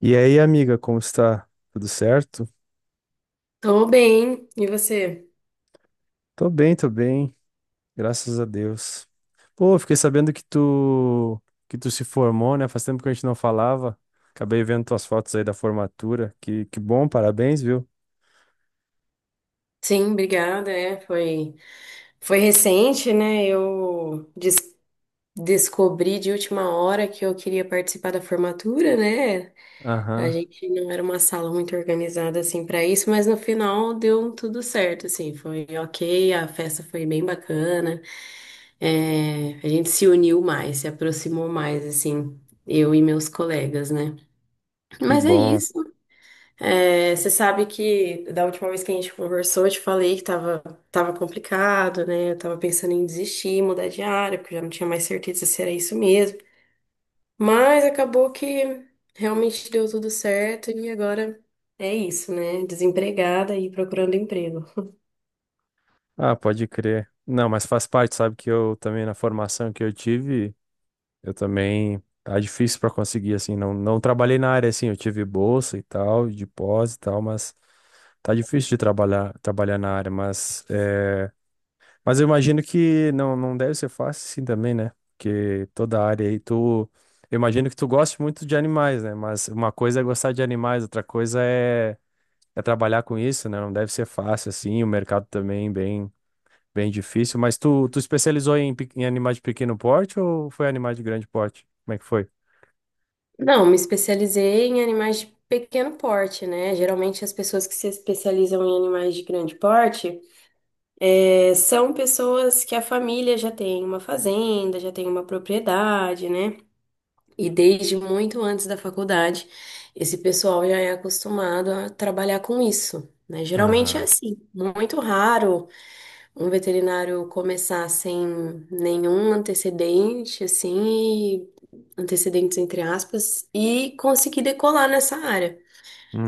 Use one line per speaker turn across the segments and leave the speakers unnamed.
E aí, amiga, como está? Tudo certo?
Tô bem, e você?
Tô bem, graças a Deus. Pô, fiquei sabendo que tu se formou, né? Faz tempo que a gente não falava. Acabei vendo tuas fotos aí da formatura. Que bom, parabéns, viu?
Sim, obrigada. Foi recente, né? Descobri de última hora que eu queria participar da formatura, né? A
Aham,
gente não era uma sala muito organizada assim para isso, mas no final deu tudo certo, assim, foi ok, a festa foi bem bacana. É, a gente se uniu mais, se aproximou mais, assim, eu e meus colegas, né?
que
Mas é
bom.
isso. É, você sabe que da última vez que a gente conversou, eu te falei que tava complicado, né? Eu tava pensando em desistir, mudar de área, porque eu já não tinha mais certeza se era isso mesmo. Mas acabou que realmente deu tudo certo e agora é isso, né? Desempregada e procurando emprego.
Ah, pode crer. Não, mas faz parte, sabe que eu também na formação que eu tive, eu também. Tá difícil pra conseguir, assim. Não, não trabalhei na área, assim. Eu tive bolsa e tal, de pós e tal, mas tá difícil de trabalhar na área. Mas, mas eu imagino que não, não deve ser fácil, assim, também, né? Porque toda área aí, tu. Eu imagino que tu goste muito de animais, né? Mas uma coisa é gostar de animais, outra coisa é trabalhar com isso, né? Não deve ser fácil, assim. O mercado também bem difícil. Mas tu especializou em, em animais de pequeno porte ou foi animais de grande porte? Como é que foi?
Não, me especializei em animais de pequeno porte, né? Geralmente as pessoas que se especializam em animais de grande porte são pessoas que a família já tem uma fazenda, já tem uma propriedade, né? E desde muito antes da faculdade, esse pessoal já é acostumado a trabalhar com isso, né? Geralmente é
Aham.
assim, muito raro um veterinário começar sem nenhum antecedente, assim, e- antecedentes entre aspas, e conseguir decolar nessa área.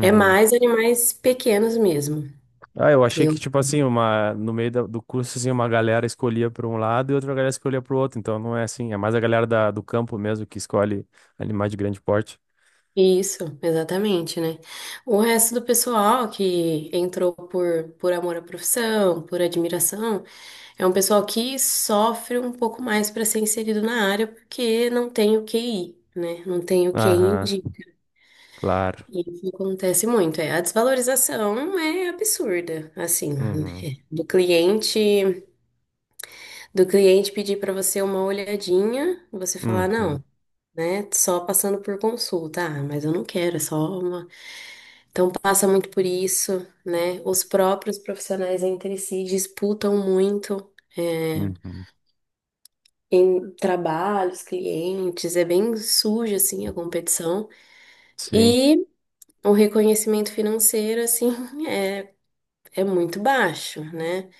É mais animais pequenos mesmo.
Ah, eu achei que,
Eu
tipo assim, uma, no meio do curso, assim, uma galera escolhia para um lado e outra galera escolhia para o outro. Então não é assim, é mais a galera do campo mesmo que escolhe animais de grande porte.
Isso, exatamente, né? O resto do pessoal que entrou por amor à profissão, por admiração, é um pessoal que sofre um pouco mais para ser inserido na área porque não tem o QI, né? Não tem o QI
Aham,
indica.
claro.
E isso acontece muito. É, a desvalorização é absurda, assim, né?
Uhum.
Do cliente, do cliente pedir para você uma olhadinha, você falar
Uhum.
não, né? Só passando por consulta. Ah, mas eu não quero, é só uma. Então passa muito por isso, né? Os próprios profissionais entre si disputam muito. é,
Uhum.
Em trabalhos, clientes, é bem suja assim a competição
Sim.
e o reconhecimento financeiro assim é, é muito baixo, né?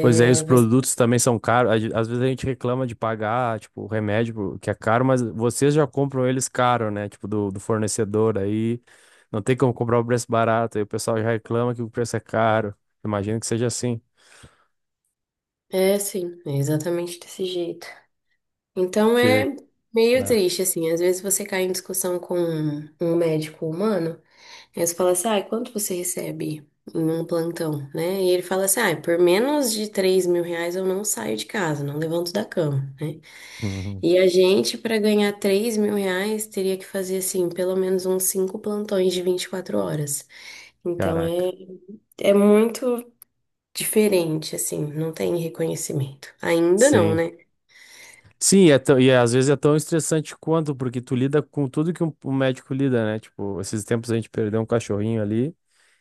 Pois é, e os
você,
produtos também são caros. Às vezes a gente reclama de pagar, tipo, o remédio que é caro, mas vocês já compram eles caro, né? Tipo, do fornecedor aí. Não tem como comprar o preço barato. Aí o pessoal já reclama que o preço é caro. Imagino que seja assim,
É sim, é exatamente desse jeito. Então
porque...
é meio
Ah,
triste assim, às vezes você cai em discussão com um médico humano, e aí você fala assim, ah, quanto você recebe? Em um plantão, né? E ele fala assim: ah, por menos de 3 mil reais eu não saio de casa, não levanto da cama, né?
uhum,
E a gente, para ganhar 3 mil reais, teria que fazer, assim, pelo menos uns cinco plantões de 24 horas. Então, é,
caraca.
É muito diferente, assim, não tem reconhecimento. Ainda não,
Sim.
né?
E é, às vezes é tão estressante quanto, porque tu lida com tudo que um médico lida, né? Tipo, esses tempos a gente perdeu um cachorrinho ali.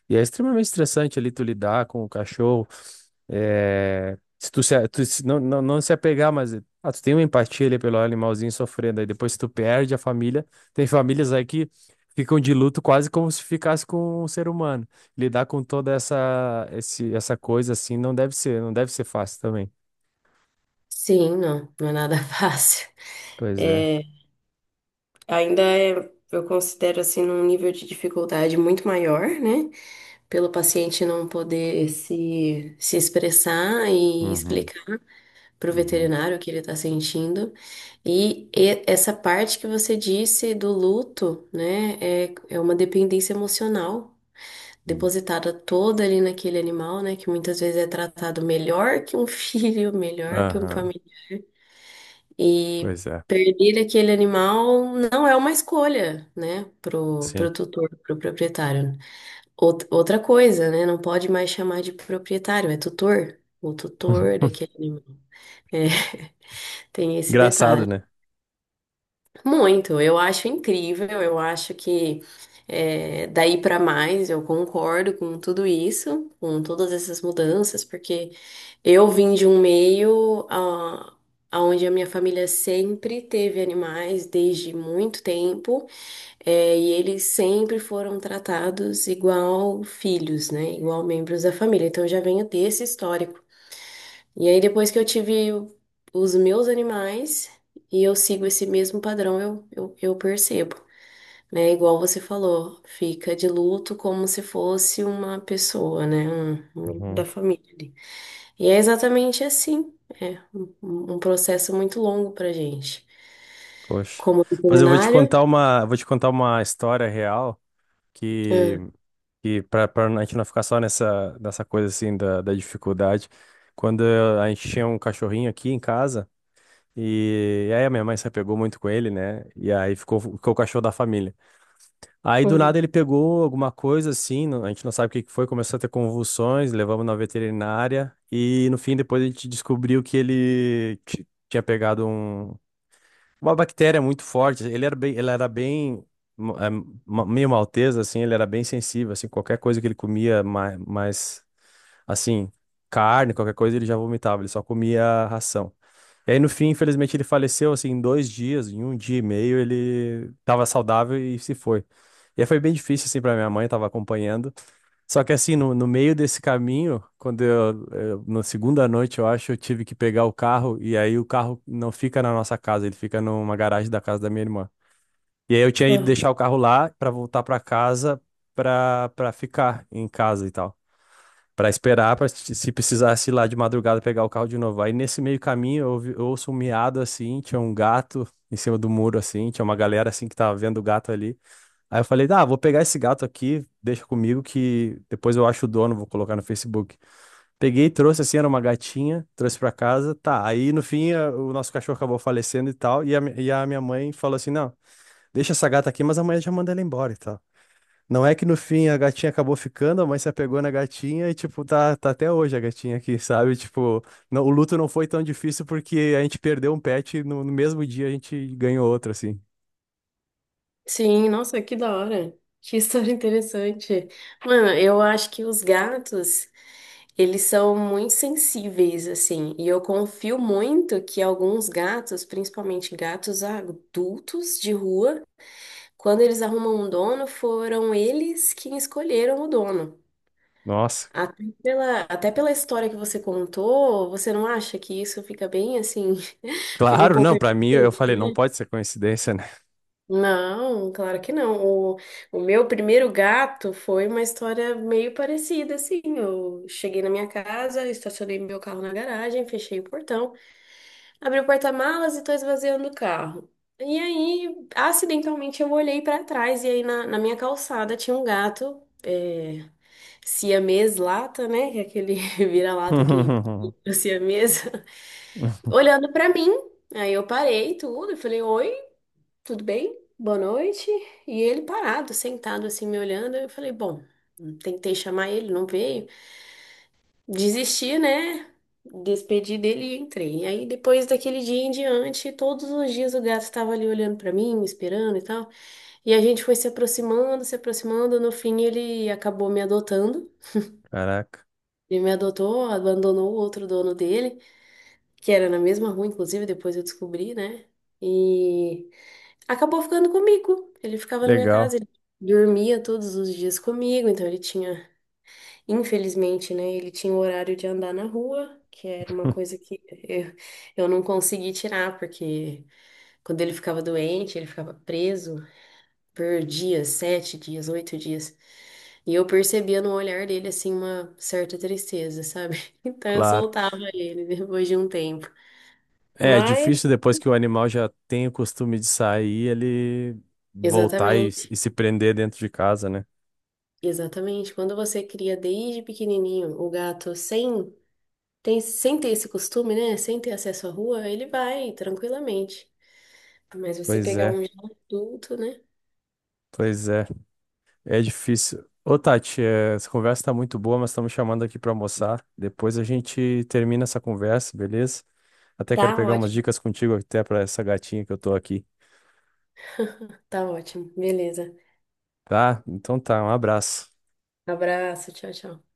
E é extremamente estressante ali tu lidar com o cachorro. É, se tu, se, não, não, não se apegar, mas ah, tu tem uma empatia ali pelo animalzinho sofrendo. Aí depois tu perde a família. Tem famílias aí que ficam de luto quase como se ficasse com um ser humano. Lidar com toda essa coisa assim não deve ser fácil também.
Sim, não, não é nada fácil.
Pois é.
É, eu considero, assim, num nível de dificuldade muito maior, né? Pelo paciente não poder se expressar e
Uhum,
explicar pro
uhum,
veterinário o que ele tá sentindo. Essa parte que você disse do luto, né, é uma dependência emocional
uhum.
depositada toda ali naquele animal, né, que muitas vezes é tratado melhor que um filho, melhor que um
Aham.
família. E
Pois é.
perder aquele animal não é uma escolha, né,
Sim.
pro tutor, pro proprietário. Outra coisa, né, não pode mais chamar de proprietário, é tutor. O tutor daquele animal. É, tem esse
Engraçado,
detalhe.
né?
Muito, eu acho incrível, eu acho que é, daí para mais eu concordo com tudo isso, com todas essas mudanças, porque eu vim de um meio ah, onde a minha família sempre teve animais desde muito tempo, é, e eles sempre foram tratados igual filhos, né? Igual membros da família. Então eu já venho desse histórico. E aí, depois que eu tive o- os meus animais e eu sigo esse mesmo padrão, eu percebo, né? Igual você falou, fica de luto como se fosse uma pessoa, né? Um membro da
Uhum.
família ali. E é exatamente assim. É um processo muito longo pra gente.
Poxa.
Como
Mas eu vou te
veterinário.
vou te contar uma história real que,
Ah,
que para a gente não ficar só nessa coisa assim da dificuldade. A gente tinha um cachorrinho aqui em casa, e aí a minha mãe se apegou muito com ele, né? E aí ficou o cachorro da família. Aí do nada
uhum,
ele pegou alguma coisa assim, a gente não sabe o que foi, começou a ter convulsões, levamos na veterinária, e no fim depois a gente descobriu que ele. Tinha pegado um, uma bactéria muito forte. Ele era bem ma- eh, meio malteza, assim, ele era bem sensível, assim, qualquer coisa que ele comia assim, carne, qualquer coisa, ele já vomitava, ele só comia ração. E aí, no fim, infelizmente, ele faleceu, assim, em dois dias, em um dia e meio, ele tava saudável e se foi. E aí foi bem difícil, assim, pra minha mãe, tava acompanhando. Só que assim, no meio desse caminho, quando na segunda noite, eu acho, eu tive que pegar o carro, e aí o carro não fica na nossa casa, ele fica numa garagem da casa da minha irmã. E aí eu tinha ido
ah.
deixar o carro lá pra voltar pra casa pra para ficar em casa e tal. Pra esperar, pra, se se precisasse ir lá de madrugada pegar o carro de novo. Aí nesse meio caminho eu ouço um miado assim, tinha um gato em cima do muro assim, tinha uma galera assim que tava vendo o gato ali. Aí eu falei, ah, vou pegar esse gato aqui, deixa comigo que depois eu acho o dono, vou colocar no Facebook. Peguei, trouxe assim, era uma gatinha, trouxe pra casa, tá. Aí no fim o nosso cachorro acabou falecendo e tal, e a minha mãe falou assim, não, deixa essa gata aqui, mas amanhã já manda ela embora e tal. Não é que no fim a gatinha acabou ficando, a mãe se apegou na gatinha e, tipo, tá até hoje a gatinha aqui, sabe? Tipo, o luto não foi tão difícil porque a gente perdeu um pet e no mesmo dia a gente ganhou outro, assim.
Sim, nossa, que da hora. Que história interessante. Mano, eu acho que os gatos. Eles são muito sensíveis, assim, e eu confio muito que alguns gatos, principalmente gatos adultos de rua, quando eles arrumam um dono, foram eles quem escolheram o dono.
Nossa,
Até pela história que você contou, você não acha que isso fica bem assim, fica um
claro,
pouco
não, pra mim eu
evidente,
falei, não
né?
pode ser coincidência, né?
Não, claro que não. O, o meu primeiro gato foi uma história meio parecida, assim. Eu cheguei na minha casa, estacionei meu carro na garagem, fechei o portão. Abri o porta-malas e tô esvaziando o carro. E aí, acidentalmente, eu olhei pra trás e aí na minha calçada tinha um gato, é, siamês lata, né? Que é aquele vira-lata que o siamês, olhando pra mim. Aí eu parei tudo e falei, oi, tudo bem? Boa noite. E ele parado, sentado assim, me olhando. Eu falei, bom, tentei chamar ele, não veio. Desisti, né? Despedi dele e entrei. E aí, depois daquele dia em diante, todos os dias o gato estava ali olhando para mim, me esperando e tal. E a gente foi se aproximando, se aproximando. No fim, ele acabou me adotando.
Caraca,
Ele me adotou, abandonou o outro dono dele, que era na mesma rua, inclusive, depois eu descobri, né? E acabou ficando comigo. Ele ficava na minha casa,
legal,
ele dormia todos os dias comigo, então ele tinha infelizmente, né? Ele tinha o horário de andar na rua, que era uma coisa que eu, eu não consegui tirar, porque quando ele ficava doente, ele ficava preso por dias, sete dias, oito dias. E eu percebia no olhar dele, assim, uma certa tristeza, sabe? Então eu
claro.
soltava ele depois de um tempo.
É, é
Mas,
difícil depois que o animal já tem o costume de sair, ele voltar
exatamente,
e se prender dentro de casa, né?
exatamente. Quando você cria desde pequenininho o gato sem, tem, sem ter esse costume, né? Sem ter acesso à rua, ele vai tranquilamente. Mas você
Pois
pegar
é,
um já adulto, né?
pois é, é difícil. Ô, Tati, é, essa conversa tá muito boa, mas estamos chamando aqui pra almoçar. Depois a gente termina essa conversa, beleza? Até quero
Tá
pegar umas
ótimo,
dicas contigo até para essa gatinha que eu tô aqui,
tá ótimo. Beleza.
tá? Então tá, um abraço.
Abraço, tchau, tchau.